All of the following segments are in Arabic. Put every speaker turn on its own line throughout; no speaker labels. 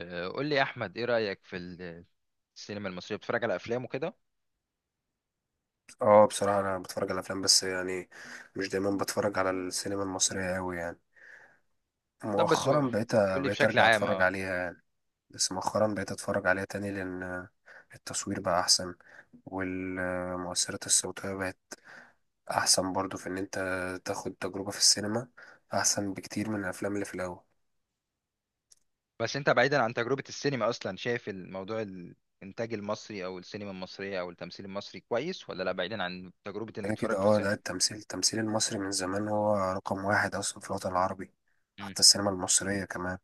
قول لي يا احمد، ايه رايك في السينما المصريه؟ بتتفرج على افلام وكده؟
اه بصراحة أنا بتفرج على أفلام، بس يعني مش دايما بتفرج على السينما المصرية أوي يعني.
طب بس قول
مؤخرا بقيت
لي
بقيت
بشكل
أرجع
عام.
أتفرج
اه
عليها يعني. بس مؤخرا بقيت أتفرج عليها تاني لأن التصوير بقى أحسن، والمؤثرات الصوتية بقت أحسن برضو، في إن أنت تاخد تجربة في السينما أحسن بكتير من الأفلام اللي في الأول.
بس انت بعيدا عن تجربه السينما اصلا، شايف الموضوع الانتاج المصري او السينما المصريه او التمثيل المصري كويس ولا لا، بعيدا عن تجربه انك
كده كده،
تتفرج في السينما؟
لا، التمثيل المصري من زمان هو رقم واحد أصلا في الوطن العربي.
مم.
حتى السينما المصرية كمان.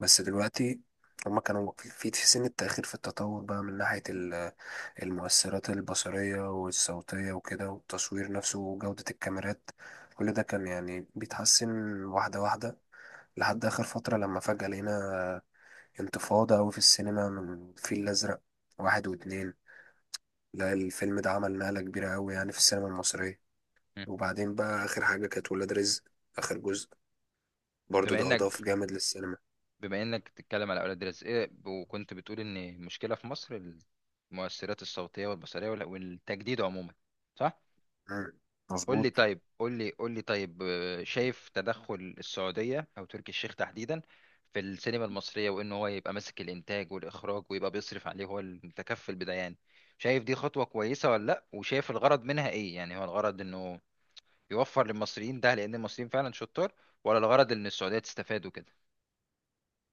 بس دلوقتي هما كانوا في سن التأخير في التطور بقى من ناحية المؤثرات البصرية والصوتية وكده، والتصوير نفسه وجودة الكاميرات. كل ده كان يعني بيتحسن واحدة واحدة، لحد آخر فترة لما فجأة لقينا انتفاضة أوي في السينما من الفيل الأزرق واحد واتنين. لا، الفيلم ده عمل نقلة كبيرة أوي يعني في السينما المصرية.
مم.
وبعدين بقى آخر حاجة كانت ولاد رزق، آخر جزء، برضو
بما
ده
انك
أضاف جامد للسينما.
بما انك بتتكلم على اولاد رزق إيه، وكنت بتقول ان المشكله في مصر المؤثرات الصوتيه والبصريه والتجديد عموما، صح؟
مم.
قول
مظبوط.
لي طيب قول لي قول لي طيب آه، شايف تدخل السعودية أو تركي الشيخ تحديدا في السينما المصرية، وإن هو يبقى ماسك الإنتاج والإخراج ويبقى بيصرف عليه، هو المتكفل بده يعني؟ شايف دي خطوة كويسة ولا لأ؟ وشايف الغرض منها إيه؟ يعني هو الغرض إنه يوفر للمصريين ده، لأن المصريين فعلا شطار، ولا الغرض إن السعودية تستفاد وكده؟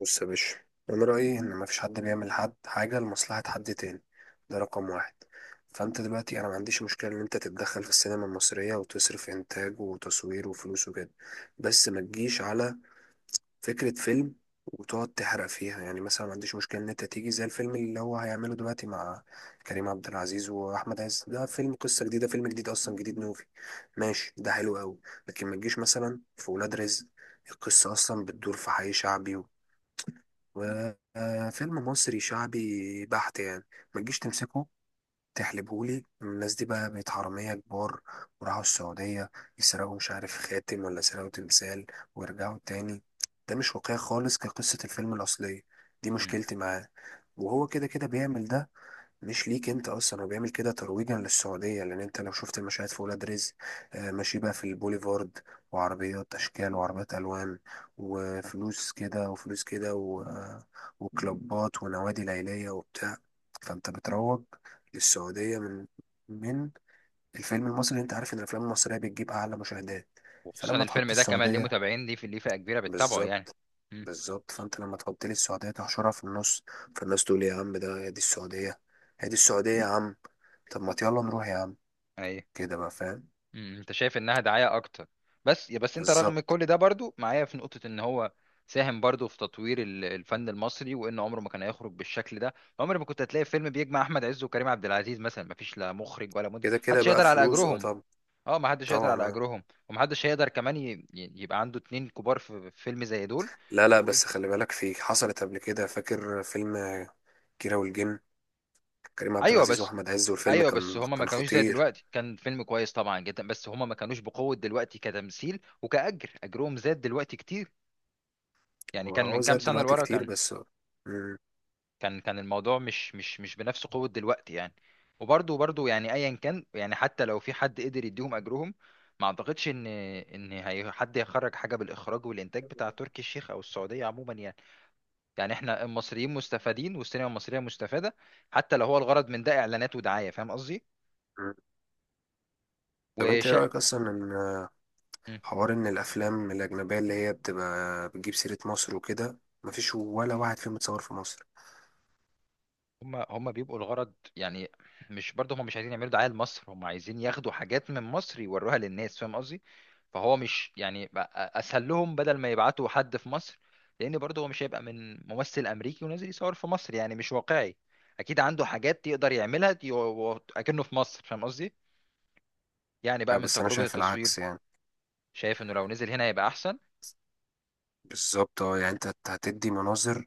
بص يا باشا، انا رايي ان مفيش حد بيعمل حد حاجه لمصلحه حد تاني، ده رقم واحد. فانت دلوقتي انا ما عنديش مشكله ان انت تتدخل في السينما المصريه، وتصرف انتاج وتصوير وفلوس وكده. بس ما تجيش على فكره فيلم وتقعد تحرق فيها. يعني مثلا ما عنديش مشكله ان انت تيجي زي الفيلم اللي هو هيعمله دلوقتي مع كريم عبد العزيز واحمد عز، ده فيلم قصه جديده، فيلم جديد اصلا، جديد نوفي، ماشي، ده حلو قوي. لكن ما تجيش مثلا في ولاد رزق، القصة أصلا بتدور في حي شعبي، وفيلم مصري شعبي بحت يعني. ما تجيش تمسكه تحلبهولي الناس دي، بقى بقت حرامية كبار وراحوا السعودية يسرقوا مش عارف خاتم ولا سرقوا تمثال ويرجعوا تاني. ده مش واقعي خالص كقصة الفيلم الأصلية. دي
مم.
مشكلتي معاه. وهو كده كده بيعمل ده، مش ليك انت اصلا، هو بيعمل كده ترويجا للسعوديه، لان انت لو شفت المشاهد في ولاد رزق، ماشي بقى في البوليفارد، وعربيات اشكال وعربيات الوان، وفلوس كده وفلوس كده وكلوبات ونوادي ليليه وبتاع. فانت بتروج للسعوديه من الفيلم المصري. انت عارف ان الافلام المصريه بتجيب اعلى مشاهدات.
وخصوصا
فلما تحط
الفيلم ده كمان، ليه
السعوديه.
متابعين، ليه فئة كبيرة بتتابعه يعني.
بالظبط.
مم.
بالظبط، فانت لما تحط لي السعوديه تحشرها في النص، فالناس تقول إيه يا عم، ده هي دي السعوديه، هي دي السعوديه يا عم، طب ما يلا نروح يا عم،
أيوه.
كده بقى فاهم.
مم، انت شايف انها دعاية اكتر. بس انت رغم
بالظبط.
كل ده برضو معايا في نقطة ان هو ساهم برضو في تطوير الفن المصري، وان عمره ما كان هيخرج بالشكل ده. عمر ما كنت هتلاقي فيلم بيجمع احمد عز وكريم عبد العزيز مثلا، ما فيش لا مخرج ولا منتج،
كده كده
محدش
بقى
هيقدر على
فلوس
اجرهم.
طب.
اه ما حدش هيقدر
طبعا.
على
آه.
اجرهم، ومحدش هيقدر كمان يبقى عنده اتنين كبار في فيلم زي دول.
لا لا،
و...
بس خلي بالك، في حصلت قبل كده، فاكر فيلم كيرة والجن، كريم عبد
ايوه
العزيز
بس
واحمد عز، والفيلم
ايوه بس
كان
هما ما
كان
كانوش زي
خطير.
دلوقتي، كان فيلم كويس طبعا جدا، بس هما ما كانوش بقوة دلوقتي كتمثيل وكأجر، اجرهم زاد دلوقتي كتير. يعني كان
وهو
من كام
زاد
سنة
دلوقتي
لورا،
كتير
كان
بس. آه. مم.
كان كان الموضوع مش بنفس قوة دلوقتي يعني. وبرضه يعني ايا كان، يعني حتى لو في حد قدر يديهم اجرهم، ما اعتقدش ان هي حد يخرج حاجة بالاخراج والانتاج بتاع تركي الشيخ او السعودية عموما يعني. يعني احنا المصريين مستفادين، والسينما المصرية مستفادة، حتى لو هو الغرض من ده اعلانات ودعاية، فاهم قصدي؟
مم. طب انت ايه
وشا
رايك اصلا حوار ان الافلام الاجنبيه اللي هي بتبقى بتجيب سيره مصر وكده، مفيش ولا واحد فيهم متصور في مصر؟
هم بيبقوا الغرض يعني. مش برضه، هم مش عايزين يعملوا دعاية لمصر، هم عايزين ياخدوا حاجات من مصر يوروها للناس، فاهم قصدي؟ فهو مش يعني بقى اسهل لهم بدل ما يبعتوا حد في مصر؟ لان برضه هو مش هيبقى من ممثل امريكي ونازل يصور في مصر، يعني مش واقعي. اكيد عنده حاجات يقدر يعملها اكنه في مصر، فاهم قصدي؟ يعني بقى من
بس انا
تجربة
شايف
التصوير،
العكس يعني.
شايف انه لو نزل هنا هيبقى احسن.
بالظبط. اه يعني انت هتدي مناظر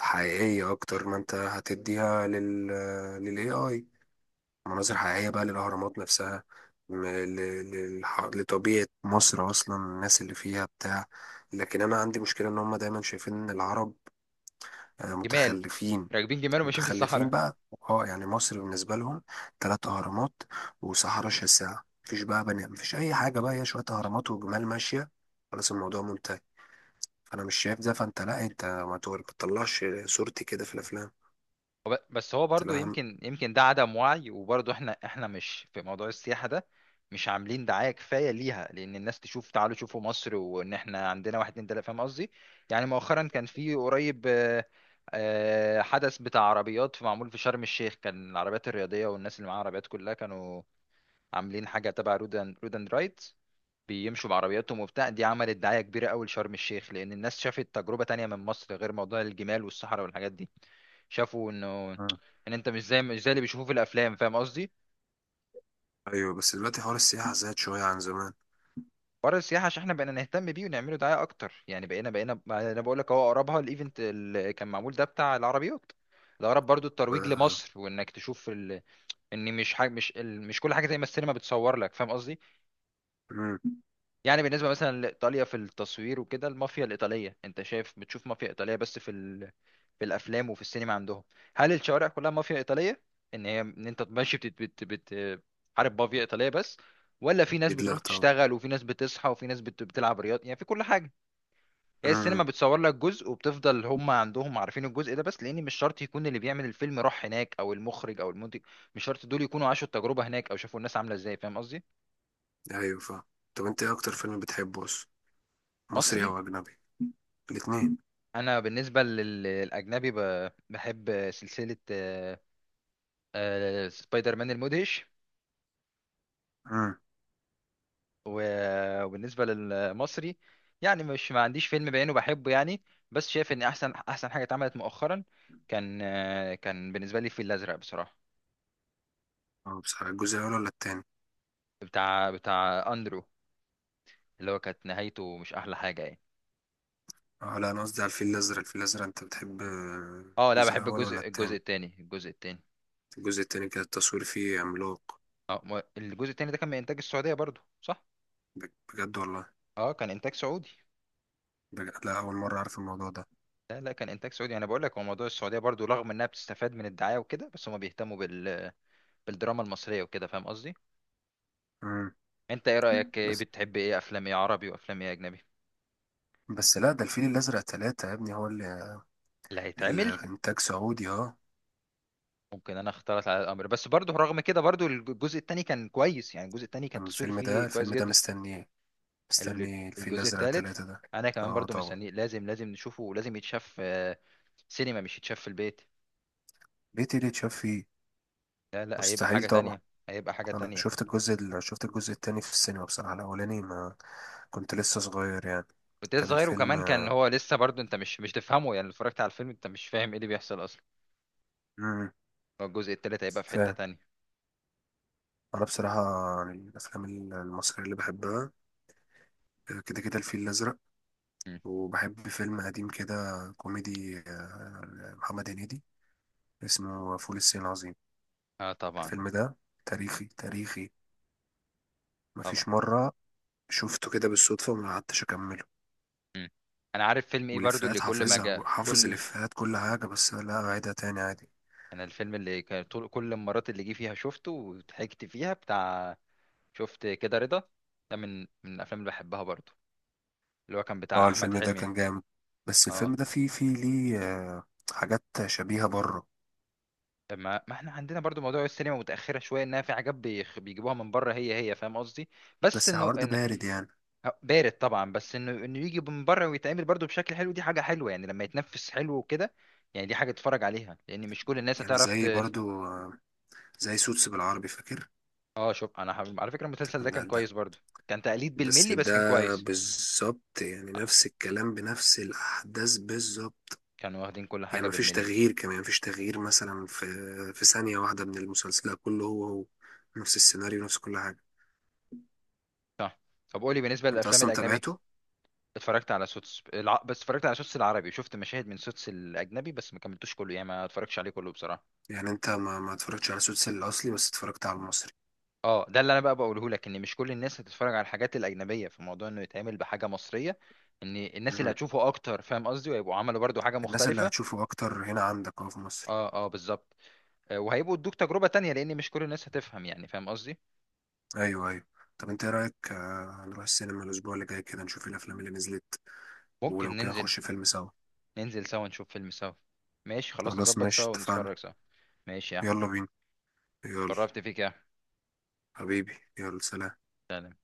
حقيقيه اكتر ما انت هتديها لل للAI، مناظر
م.
حقيقيه بقى للاهرامات نفسها، لطبيعه مصر اصلا، الناس اللي فيها بتاع. لكن انا عندي مشكله ان هم دايما شايفين ان العرب
جمال،
متخلفين.
راكبين جمال وماشيين في
متخلفين
الصحراء.
بقى. اه يعني مصر بالنسبة لهم 3 أهرامات وصحراء شاسعة، مفيش بقى بني، مفيش أي حاجة، بقى هي شوية أهرامات وجمال ماشية، خلاص الموضوع منتهي. فأنا مش شايف ده. فأنت لا، أنت ما تطلعش صورتي كده في الأفلام.
بس هو برضو،
تمام.
يمكن ده عدم وعي. وبرضو احنا، مش في موضوع السياحة ده، مش عاملين دعاية كفاية ليها، لأن الناس تشوف تعالوا شوفوا مصر، وإن احنا عندنا واحد اتنين تلاتة، فاهم قصدي؟ يعني مؤخرا كان في قريب حدث بتاع عربيات معمول في شرم الشيخ. كان العربيات الرياضية والناس اللي معاها عربيات كلها كانوا عاملين حاجة تبع رود اند رود اند رايت، بيمشوا بعربياتهم وبتاع. دي عملت دعاية كبيرة أوي لشرم الشيخ، لأن الناس شافت تجربة تانية من مصر، غير موضوع الجمال والصحراء والحاجات دي. شافوا انه
مم.
ان انت مش زي اللي بيشوفوه في الافلام، فاهم قصدي.
أيوه، بس دلوقتي حوار السياحة زاد شوية عن زمان.
حوار السياحه، عشان احنا بقينا نهتم بيه ونعمله دعايه اكتر يعني. بقينا ما انا بقول لك، اهو اقربها الايفنت اللي كان معمول ده بتاع العربيات، ده اقرب برضو
و
الترويج لمصر، وانك تشوف ال... ان مش حاجه، مش ال... مش كل حاجه زي ما السينما بتصور لك، فاهم قصدي.
مم.
يعني بالنسبة مثلا لإيطاليا في التصوير وكده، المافيا الإيطالية، أنت شايف بتشوف مافيا إيطالية بس في ال... في الأفلام وفي السينما عندهم. هل الشوارع كلها مافيا إيطالية؟ إن هي، أنت ماشي حارب مافيا إيطالية بس، ولا في ناس
أكيد،
بتروح
لا طبعا.
تشتغل، وفي ناس بتصحى، وفي ناس بتلعب رياضة، يعني في كل حاجة؟ هي السينما
مم.
بتصور لك جزء، وبتفضل هم عندهم عارفين الجزء ده بس، لأن مش شرط يكون اللي بيعمل الفيلم راح هناك أو المخرج أو المنتج. مش شرط دول يكونوا عاشوا التجربة هناك أو شافوا الناس عاملة إزاي، فاهم قصدي؟
أيوه فاهم. طب أنت إيه أكتر فيلم بتحبه أصلا، مصري
مصري.
أو أجنبي؟ الاتنين.
انا بالنسبه للاجنبي، بحب سلسله سبايدر مان المدهش.
مم.
وبالنسبه للمصري، يعني مش، ما عنديش فيلم بعينه بحبه يعني، بس شايف ان احسن حاجه اتعملت مؤخرا كان، كان بالنسبه لي الفيل الازرق بصراحه.
أه، بصراحة الجزء الأول ولا التاني؟
بتاع اندرو، اللي هو كانت نهايته مش احلى حاجه يعني.
اه لا، انا قصدي على الفيل الازرق، الفيل الازرق انت بتحب،
اه لا،
الجزء
بحب
الاول ولا
الجزء
التاني؟
التاني، الجزء التاني.
الجزء التاني كان التصوير فيه عملاق.
اه الجزء التاني ده كان من انتاج السعوديه برضو، صح؟
بجد والله؟
اه كان انتاج سعودي.
لا، اول مره اعرف الموضوع ده.
لا لا، كان انتاج سعودي، انا بقول لك. هو موضوع السعوديه برضو، رغم انها بتستفاد من الدعايه وكده، بس هما بيهتموا بال... بالدراما المصريه وكده، فاهم قصدي.
امم
انت ايه رايك؟ إيه
بس.
بتحب، ايه افلام، ايه عربي وافلام ايه اجنبي؟
بس لا، ده الفيل الازرق ثلاثة يا ابني، هو اللي
اللي هيتعمل.
الانتاج سعودي. اه
ممكن انا اختلط على الامر، بس برضو رغم كده، برضو الجزء التاني كان كويس يعني، الجزء التاني كان
كان
التصوير
الفيلم
فيه
ده
كويس جدا.
مستنيه،
ال-
مستني الفيل
الجزء
الازرق
التالت،
ثلاثة ده.
انا كمان
اه
برضو
طبعا.
مستنيه، لازم نشوفه، ولازم يتشاف. سينما، مش يتشاف في البيت.
ليه تيجي تشاف فيه؟
لا لا، هيبقى
مستحيل
حاجه
طبعا.
تانية، هيبقى حاجه
انا
تانية.
شفت شفت الجزء التاني في السينما بصراحه. الاولاني ما كنت لسه صغير يعني،
وده
كان
صغير،
الفيلم.
وكمان كان هو لسه برضه، انت مش تفهمه يعني، لو اتفرجت على الفيلم انت مش فاهم ايه اللي بيحصل اصلا. هو الجزء التالت هيبقى في حتة
فاهم.
تانية.
انا بصراحه يعني، الافلام المصريه اللي بحبها كده كده الفيل الازرق.
مم.
وبحب فيلم قديم كده كوميدي، محمد هنيدي، اسمه فول الصين العظيم.
اه طبعا.
الفيلم ده تاريخي تاريخي، مفيش
طبعا.
مره شفته كده بالصدفه وما قعدتش اكمله،
مم. انا عارف فيلم ايه برضه، اللي
والافيهات
كل ما
حافظها،
جاء
وحافظ
كل،
الافيهات كل حاجه، بس لا اعيدها تاني عادي.
انا الفيلم اللي كان طول كل المرات اللي جه فيها شفته وضحكت فيها بتاع، شفت كده رضا، ده من الافلام اللي بحبها برضه، اللي هو كان بتاع
اه،
احمد
الفيلم ده
حلمي.
كان جامد. بس
اه
الفيلم ده فيه ليه حاجات شبيهه بره.
ما احنا عندنا برضو موضوع السينما متأخرة شوية، انها في حاجات بيجيبوها من بره، هي، فاهم قصدي. بس
بس
انه
الحوار ده
ان،
بارد يعني.
أه، بارد طبعا، بس انه يجي من بره ويتعمل برضه بشكل حلو، دي حاجه حلوه يعني، لما يتنفس حلو وكده. يعني دي حاجه تتفرج عليها، لان مش كل الناس
يعني
هتعرف
زي
ت...
برضو زي سوتس بالعربي فاكر.
اه شوف، انا على فكره المسلسل ده
ده
كان
ده
كويس برضه، كان تقليد
بس،
بالملي بس
ده
كان كويس.
بالظبط، يعني
آه،
نفس الكلام بنفس الأحداث بالظبط.
كانوا واخدين كل
يعني
حاجه
مفيش
بالملي،
تغيير، كمان مفيش تغيير مثلا في ثانية واحدة من المسلسل، لا كله هو هو نفس السيناريو، نفس كل حاجة.
صح. طب قولي بالنسبه
انت
للافلام
اصلا
الاجنبي.
تابعته؟
اتفرجت على سوتس الع... بس اتفرجت على سوتس العربي، شفت مشاهد من سوتس الاجنبي بس ما كملتوش كله، يعني ما اتفرجتش عليه كله بصراحه.
يعني انت ما اتفرجتش على سوتس الاصلي، بس اتفرجت على المصري.
اه ده اللي انا بقى بقوله لك، ان مش كل الناس هتتفرج على الحاجات الاجنبيه، في موضوع انه يتعمل بحاجه مصريه، ان الناس اللي
مم.
هتشوفه اكتر، فاهم قصدي، وهيبقوا عملوا برضو حاجه
الناس اللي
مختلفه.
هتشوفه اكتر هنا عندك اهو في مصر.
اه اه بالظبط. وهيبقوا ادوك تجربه تانية، لان مش كل الناس هتفهم يعني، فاهم قصدي.
ايوه، ايوه. طب انت ايه رايك، نروح السينما الاسبوع اللي جاي كده نشوف الافلام اللي نزلت، ولو
ممكن
كده
ننزل.
نخش فيلم سوا.
ننزل سوا، نشوف فيلم سوا. ماشي خلاص،
خلاص
نظبط سوا
ماشي، اتفقنا.
ونتفرج سوا. ماشي يا أحمد.
يلا بينا. يلا.
اتشرفت فيك يا أحمد.
حبيبي يلا، سلام.
سلام.